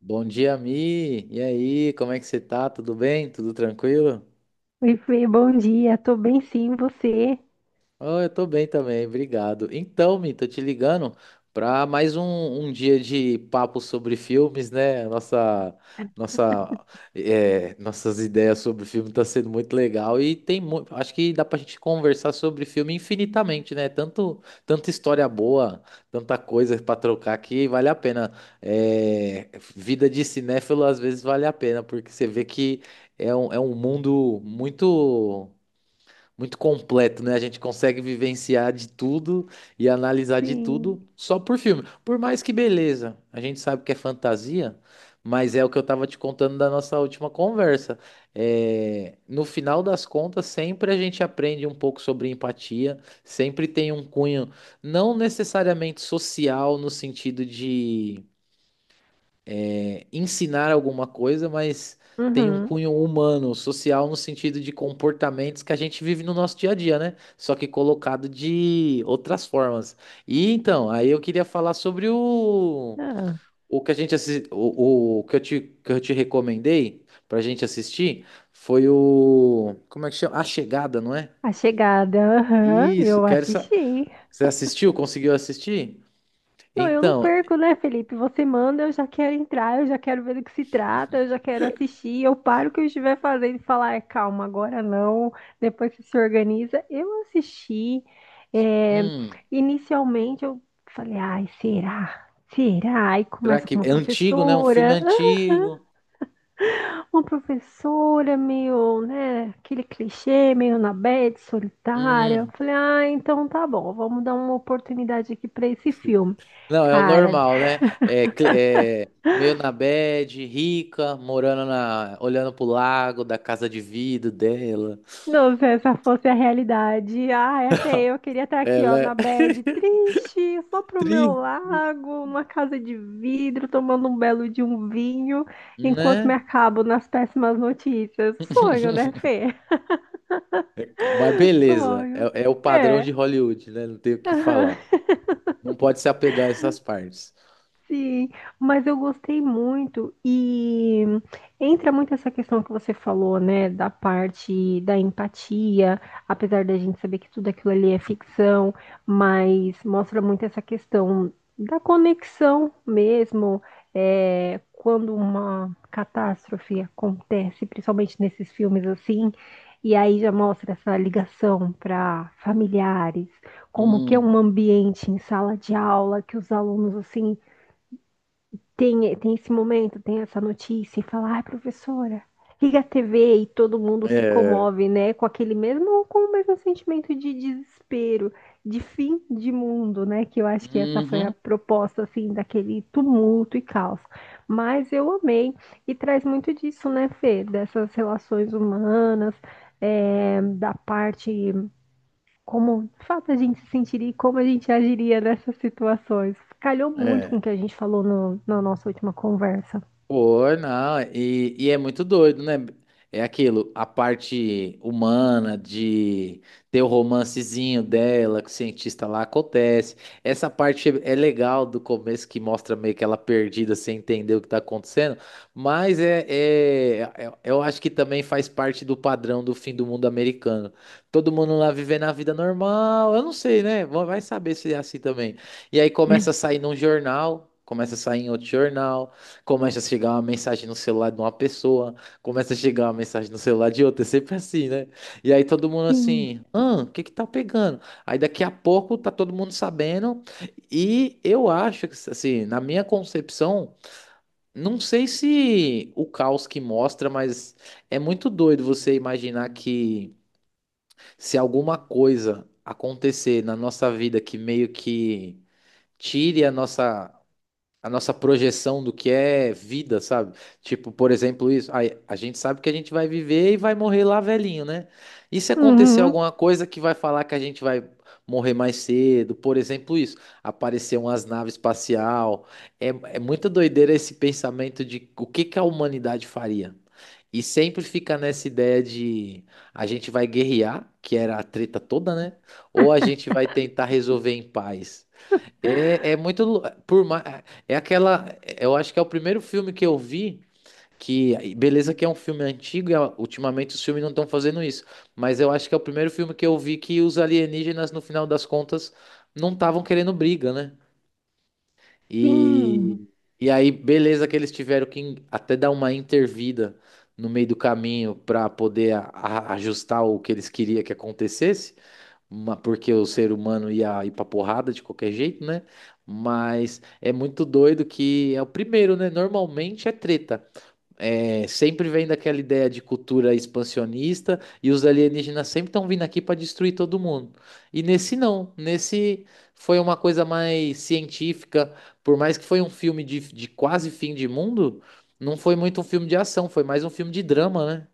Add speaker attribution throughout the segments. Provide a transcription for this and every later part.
Speaker 1: Bom dia, Mi. E aí, como é que você tá? Tudo bem? Tudo tranquilo?
Speaker 2: Oi, Fê, bom dia. Tô bem sim, você?
Speaker 1: Oh, eu tô bem também, obrigado. Então, Mi, tô te ligando para mais um dia de papo sobre filmes, né? Nossa, é, nossas ideias sobre filme tá sendo muito legal e tem muito, acho que dá pra gente conversar sobre filme infinitamente, né? Tanta história boa, tanta coisa pra trocar que vale a pena. É, vida de cinéfilo às vezes vale a pena, porque você vê que é um mundo muito completo, né? A gente consegue vivenciar de tudo e analisar de
Speaker 2: Sim.
Speaker 1: tudo só por filme. Por mais que beleza, a gente sabe que é fantasia, mas é o que eu tava te contando da nossa última conversa. É, no final das contas, sempre a gente aprende um pouco sobre empatia, sempre tem um cunho não necessariamente social no sentido de ensinar alguma coisa, mas tem um
Speaker 2: Uhum.
Speaker 1: cunho humano, social, no sentido de comportamentos que a gente vive no nosso dia a dia, né? Só que colocado de outras formas. E então, aí eu queria falar sobre
Speaker 2: Ah,
Speaker 1: o que a gente o que que eu te recomendei pra gente assistir foi o, como é que chama? A Chegada, não é?
Speaker 2: A Chegada, aham,
Speaker 1: Isso,
Speaker 2: eu assisti.
Speaker 1: Você assistiu? Conseguiu assistir?
Speaker 2: Não, eu não
Speaker 1: Então,
Speaker 2: perco, né, Felipe? Você manda, eu já quero entrar, eu já quero ver do que se trata, eu já quero assistir. Eu paro o que eu estiver fazendo e falar, "Ah, calma, agora não. Depois você se organiza." Eu assisti. é,
Speaker 1: hum,
Speaker 2: inicialmente eu falei, ai, será? Será? Aí
Speaker 1: será
Speaker 2: começa com
Speaker 1: que
Speaker 2: uma
Speaker 1: é antigo, né? Um filme
Speaker 2: professora.
Speaker 1: antigo.
Speaker 2: Uma professora meio, né, aquele clichê, meio na bad, solitária. Eu
Speaker 1: Uhum.
Speaker 2: falei, ah, então tá bom, vamos dar uma oportunidade aqui pra esse filme.
Speaker 1: Não, é o
Speaker 2: Cara,
Speaker 1: normal, né? É, é meio na bad, rica, morando na, olhando pro lago da casa de vidro dela.
Speaker 2: não, se essa fosse a realidade, ai, até eu queria estar aqui, ó,
Speaker 1: Ela é
Speaker 2: na bad, triste, só pro meu
Speaker 1: triste,
Speaker 2: lago, numa casa de vidro, tomando um belo de um vinho, enquanto me
Speaker 1: né?
Speaker 2: acabo nas péssimas notícias. Sonho, né, Fê?
Speaker 1: Mas beleza,
Speaker 2: Sonho.
Speaker 1: é o padrão
Speaker 2: É.
Speaker 1: de Hollywood, né? Não tem o que falar. Não pode se apegar a essas partes.
Speaker 2: Sim, mas eu gostei muito e entra muito essa questão que você falou, né, da parte da empatia, apesar da gente saber que tudo aquilo ali é ficção, mas mostra muito essa questão da conexão mesmo, quando uma catástrofe acontece, principalmente nesses filmes assim, e aí já mostra essa ligação para familiares, como que é
Speaker 1: Hum,
Speaker 2: um ambiente em sala de aula que os alunos assim tem esse momento, tem essa notícia e fala, ai, professora, liga a TV e todo mundo se
Speaker 1: é.
Speaker 2: comove, né? Com aquele mesmo, com o mesmo sentimento de desespero, de fim de mundo, né? Que eu acho que essa foi a
Speaker 1: Uhum,
Speaker 2: proposta, assim, daquele tumulto e caos. Mas eu amei e traz muito disso, né, Fê? Dessas relações humanas, da parte como, de fato, a gente se sentiria e como a gente agiria nessas situações. Calhou muito
Speaker 1: é.
Speaker 2: com o que a gente falou no, na nossa última conversa.
Speaker 1: Pô, não, e é muito doido, né? É aquilo, a parte humana de ter o romancezinho dela com o cientista lá acontece. Essa parte é legal do começo que mostra meio que ela perdida sem entender o que tá acontecendo, mas eu acho que também faz parte do padrão do fim do mundo americano. Todo mundo lá vivendo a vida normal, eu não sei, né? Vai saber se é assim também. E aí começa a sair num jornal, começa a sair em outro jornal. Começa a chegar uma mensagem no celular de uma pessoa, começa a chegar uma mensagem no celular de outra, é sempre assim, né? E aí todo mundo
Speaker 2: Sim.
Speaker 1: assim, ah, o que que tá pegando? Aí daqui a pouco tá todo mundo sabendo, e eu acho que, assim, na minha concepção, não sei se o caos que mostra, mas é muito doido você imaginar que se alguma coisa acontecer na nossa vida que meio que tire a nossa projeção do que é vida, sabe? Tipo, por exemplo, isso. A gente sabe que a gente vai viver e vai morrer lá velhinho, né? E se acontecer
Speaker 2: Uhum.
Speaker 1: alguma coisa que vai falar que a gente vai morrer mais cedo, por exemplo, isso. Aparecer umas naves espacial. É, é muita doideira esse pensamento de o que que a humanidade faria. E sempre fica nessa ideia de a gente vai guerrear, que era a treta toda, né? Ou a gente vai tentar resolver em paz. Por mais, é aquela. Eu acho que é o primeiro filme que eu vi. Que, beleza, que é um filme antigo e ah, ultimamente os filmes não estão fazendo isso. Mas eu acho que é o primeiro filme que eu vi que os alienígenas, no final das contas, não estavam querendo briga, né?
Speaker 2: Sim.
Speaker 1: E, e aí, beleza, que eles tiveram que até dar uma intervida no meio do caminho para poder ajustar o que eles queriam que acontecesse porque o ser humano ia ir pra porrada de qualquer jeito, né? Mas é muito doido que é o primeiro, né? Normalmente é treta. É, sempre vem daquela ideia de cultura expansionista e os alienígenas sempre estão vindo aqui para destruir todo mundo. E nesse não, nesse foi uma coisa mais científica, por mais que foi um filme de quase fim de mundo, não foi muito um filme de ação, foi mais um filme de drama, né?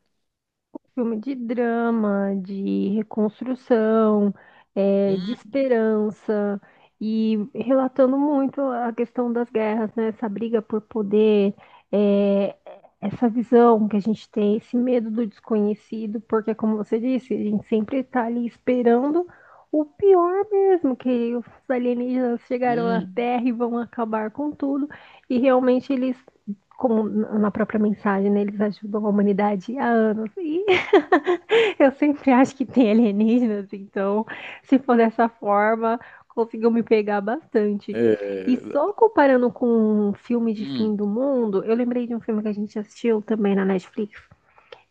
Speaker 2: Filme de drama, de reconstrução, de
Speaker 1: Hum,
Speaker 2: esperança e relatando muito a questão das guerras, né? Essa briga por poder, eh, essa visão que a gente tem, esse medo do desconhecido, porque, como você disse, a gente sempre está ali esperando o pior mesmo, que os alienígenas chegaram na
Speaker 1: hum,
Speaker 2: Terra e vão acabar com tudo, e realmente eles como na própria mensagem, né, eles ajudam a humanidade há anos. E eu sempre acho que tem alienígenas, então, se for dessa forma, conseguiu me pegar bastante. E
Speaker 1: é,
Speaker 2: só comparando com um filme de fim
Speaker 1: hum,
Speaker 2: do mundo, eu lembrei de um filme que a gente assistiu também na Netflix.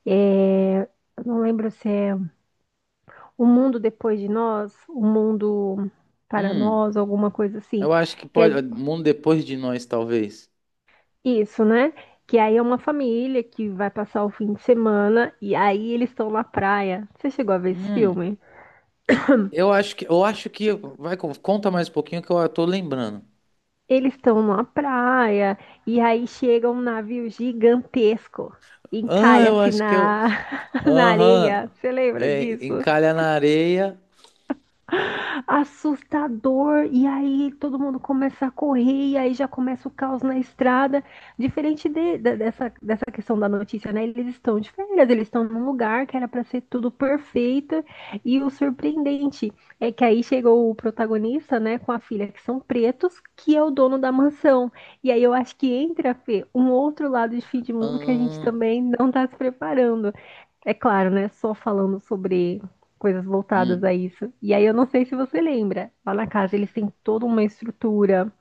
Speaker 2: É, eu não lembro se é O Mundo Depois de Nós, O Mundo para
Speaker 1: hum.
Speaker 2: Nós, alguma coisa assim.
Speaker 1: Eu acho que
Speaker 2: Que é
Speaker 1: pode. Mundo depois de nós, talvez.
Speaker 2: isso, né? Que aí é uma família que vai passar o fim de semana e aí eles estão na praia. Você chegou a ver esse
Speaker 1: Hum.
Speaker 2: filme?
Speaker 1: Eu acho que. Vai, conta mais um pouquinho que eu tô lembrando.
Speaker 2: Eles estão numa praia e aí chega um navio gigantesco,
Speaker 1: Ah, eu
Speaker 2: encalha-se
Speaker 1: acho que eu.
Speaker 2: na, na
Speaker 1: Aham.
Speaker 2: areia. Você lembra
Speaker 1: É,
Speaker 2: disso?
Speaker 1: encalha na areia.
Speaker 2: Assustador. E aí todo mundo começa a correr, e aí já começa o caos na estrada. Diferente dessa questão da notícia, né? Eles estão de férias, eles estão num lugar que era para ser tudo perfeito. E o surpreendente é que aí chegou o protagonista, né, com a filha, que são pretos, que é o dono da mansão. E aí eu acho que entra, Fê, um outro lado de fim de mundo que a gente
Speaker 1: Hum.
Speaker 2: também não está se preparando. É claro, né? Só falando sobre coisas voltadas a
Speaker 1: Hum.
Speaker 2: isso. E aí eu não sei se você lembra, lá na casa eles têm toda uma estrutura.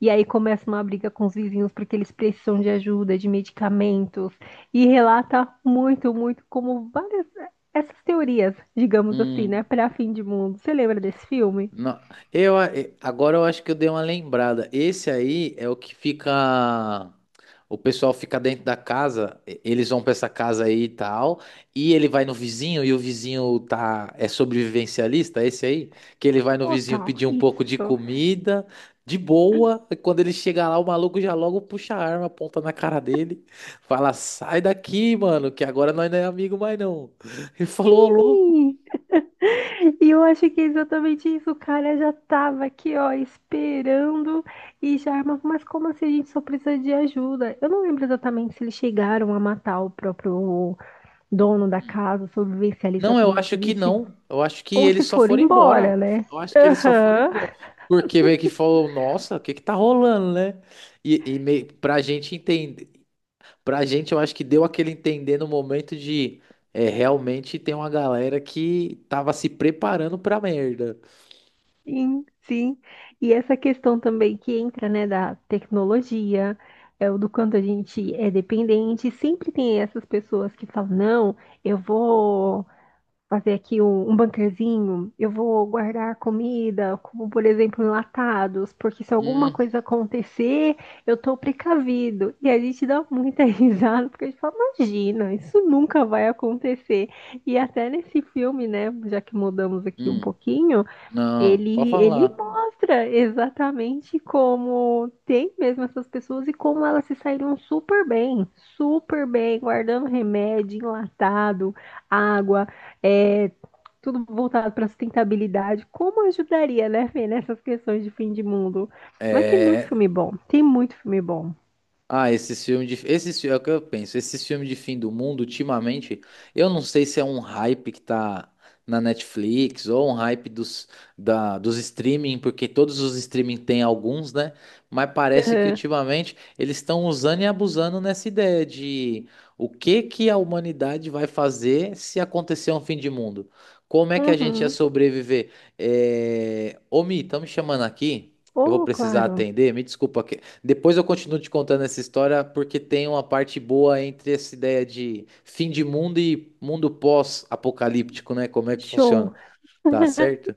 Speaker 2: E aí começa uma briga com os vizinhos porque eles precisam de ajuda, de medicamentos. E relata muito, muito como várias essas teorias, digamos assim, né,
Speaker 1: Hum.
Speaker 2: para fim de mundo. Você lembra desse filme?
Speaker 1: Não, agora eu acho que eu dei uma lembrada. Esse aí é o que fica. O pessoal fica dentro da casa, eles vão pra essa casa aí e tal, e ele vai no vizinho e o vizinho tá é sobrevivencialista, esse aí, que ele vai no
Speaker 2: Ô,
Speaker 1: vizinho
Speaker 2: tal,
Speaker 1: pedir um pouco de
Speaker 2: isso.
Speaker 1: comida, de boa, e quando ele chega lá, o maluco já logo puxa a arma, aponta na cara dele, fala: "Sai daqui, mano, que agora nós não é amigo mais não". Ele falou: "Ô, louco,
Speaker 2: Ih, e eu acho que é exatamente isso. O cara já tava aqui, ó, esperando e já armava. Mas como assim a gente só precisa de ajuda? Eu não lembro exatamente se eles chegaram a matar o próprio dono da casa, o sobrevivencialista,
Speaker 1: Não, eu
Speaker 2: como você
Speaker 1: acho que
Speaker 2: disse,
Speaker 1: não.
Speaker 2: ou se foram embora, né?
Speaker 1: Eu acho que eles só foram
Speaker 2: Aham.
Speaker 1: embora. Porque meio que falou, nossa, o que que tá rolando, né? E meio, pra gente entender, pra gente eu acho que deu aquele entender no momento de é, realmente tem uma galera que tava se preparando pra merda.
Speaker 2: Sim, sim. E essa questão também que entra, né, da tecnologia, é o do quanto a gente é dependente. Sempre tem essas pessoas que falam, não, eu vou fazer aqui um, bunkerzinho, eu vou guardar comida, como por exemplo enlatados, porque se alguma
Speaker 1: Hum,
Speaker 2: coisa acontecer, eu tô precavido. E a gente dá muita risada, porque a gente fala, imagina, isso nunca vai acontecer. E até nesse filme, né, já que mudamos aqui um
Speaker 1: hum,
Speaker 2: pouquinho,
Speaker 1: não, pode
Speaker 2: ele
Speaker 1: falar.
Speaker 2: mostra exatamente como tem mesmo essas pessoas e como elas se saíram super bem, guardando remédio, enlatado, água, é, tudo voltado para sustentabilidade. Como ajudaria, né, Fê, nessas questões de fim de mundo? Mas tem muito
Speaker 1: É,
Speaker 2: filme bom. Tem muito filme bom.
Speaker 1: Ah, esses filmes de. Esses, é o que eu penso. Esses filmes de fim do mundo, ultimamente, eu não sei se é um hype que tá na Netflix ou um hype dos streaming, porque todos os streaming têm alguns, né? Mas parece que
Speaker 2: Aham.
Speaker 1: ultimamente eles estão usando e abusando nessa ideia de o que que a humanidade vai fazer se acontecer um fim de mundo? Como é que a gente ia
Speaker 2: Uhum.
Speaker 1: sobreviver? É... Ô, Mi, estão me chamando aqui. Eu vou
Speaker 2: Oh,
Speaker 1: precisar
Speaker 2: claro.
Speaker 1: atender. Me desculpa depois eu continuo te contando essa história porque tem uma parte boa entre essa ideia de fim de mundo e mundo pós-apocalíptico, né? Como é que funciona?
Speaker 2: Show.
Speaker 1: Tá certo?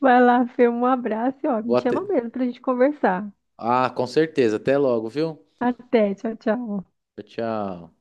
Speaker 2: Vai lá, Fê, um abraço e ó,
Speaker 1: Vou
Speaker 2: me chama
Speaker 1: até...
Speaker 2: mesmo pra gente conversar.
Speaker 1: Ah, com certeza. Até logo, viu?
Speaker 2: Até, tchau, tchau.
Speaker 1: Tchau.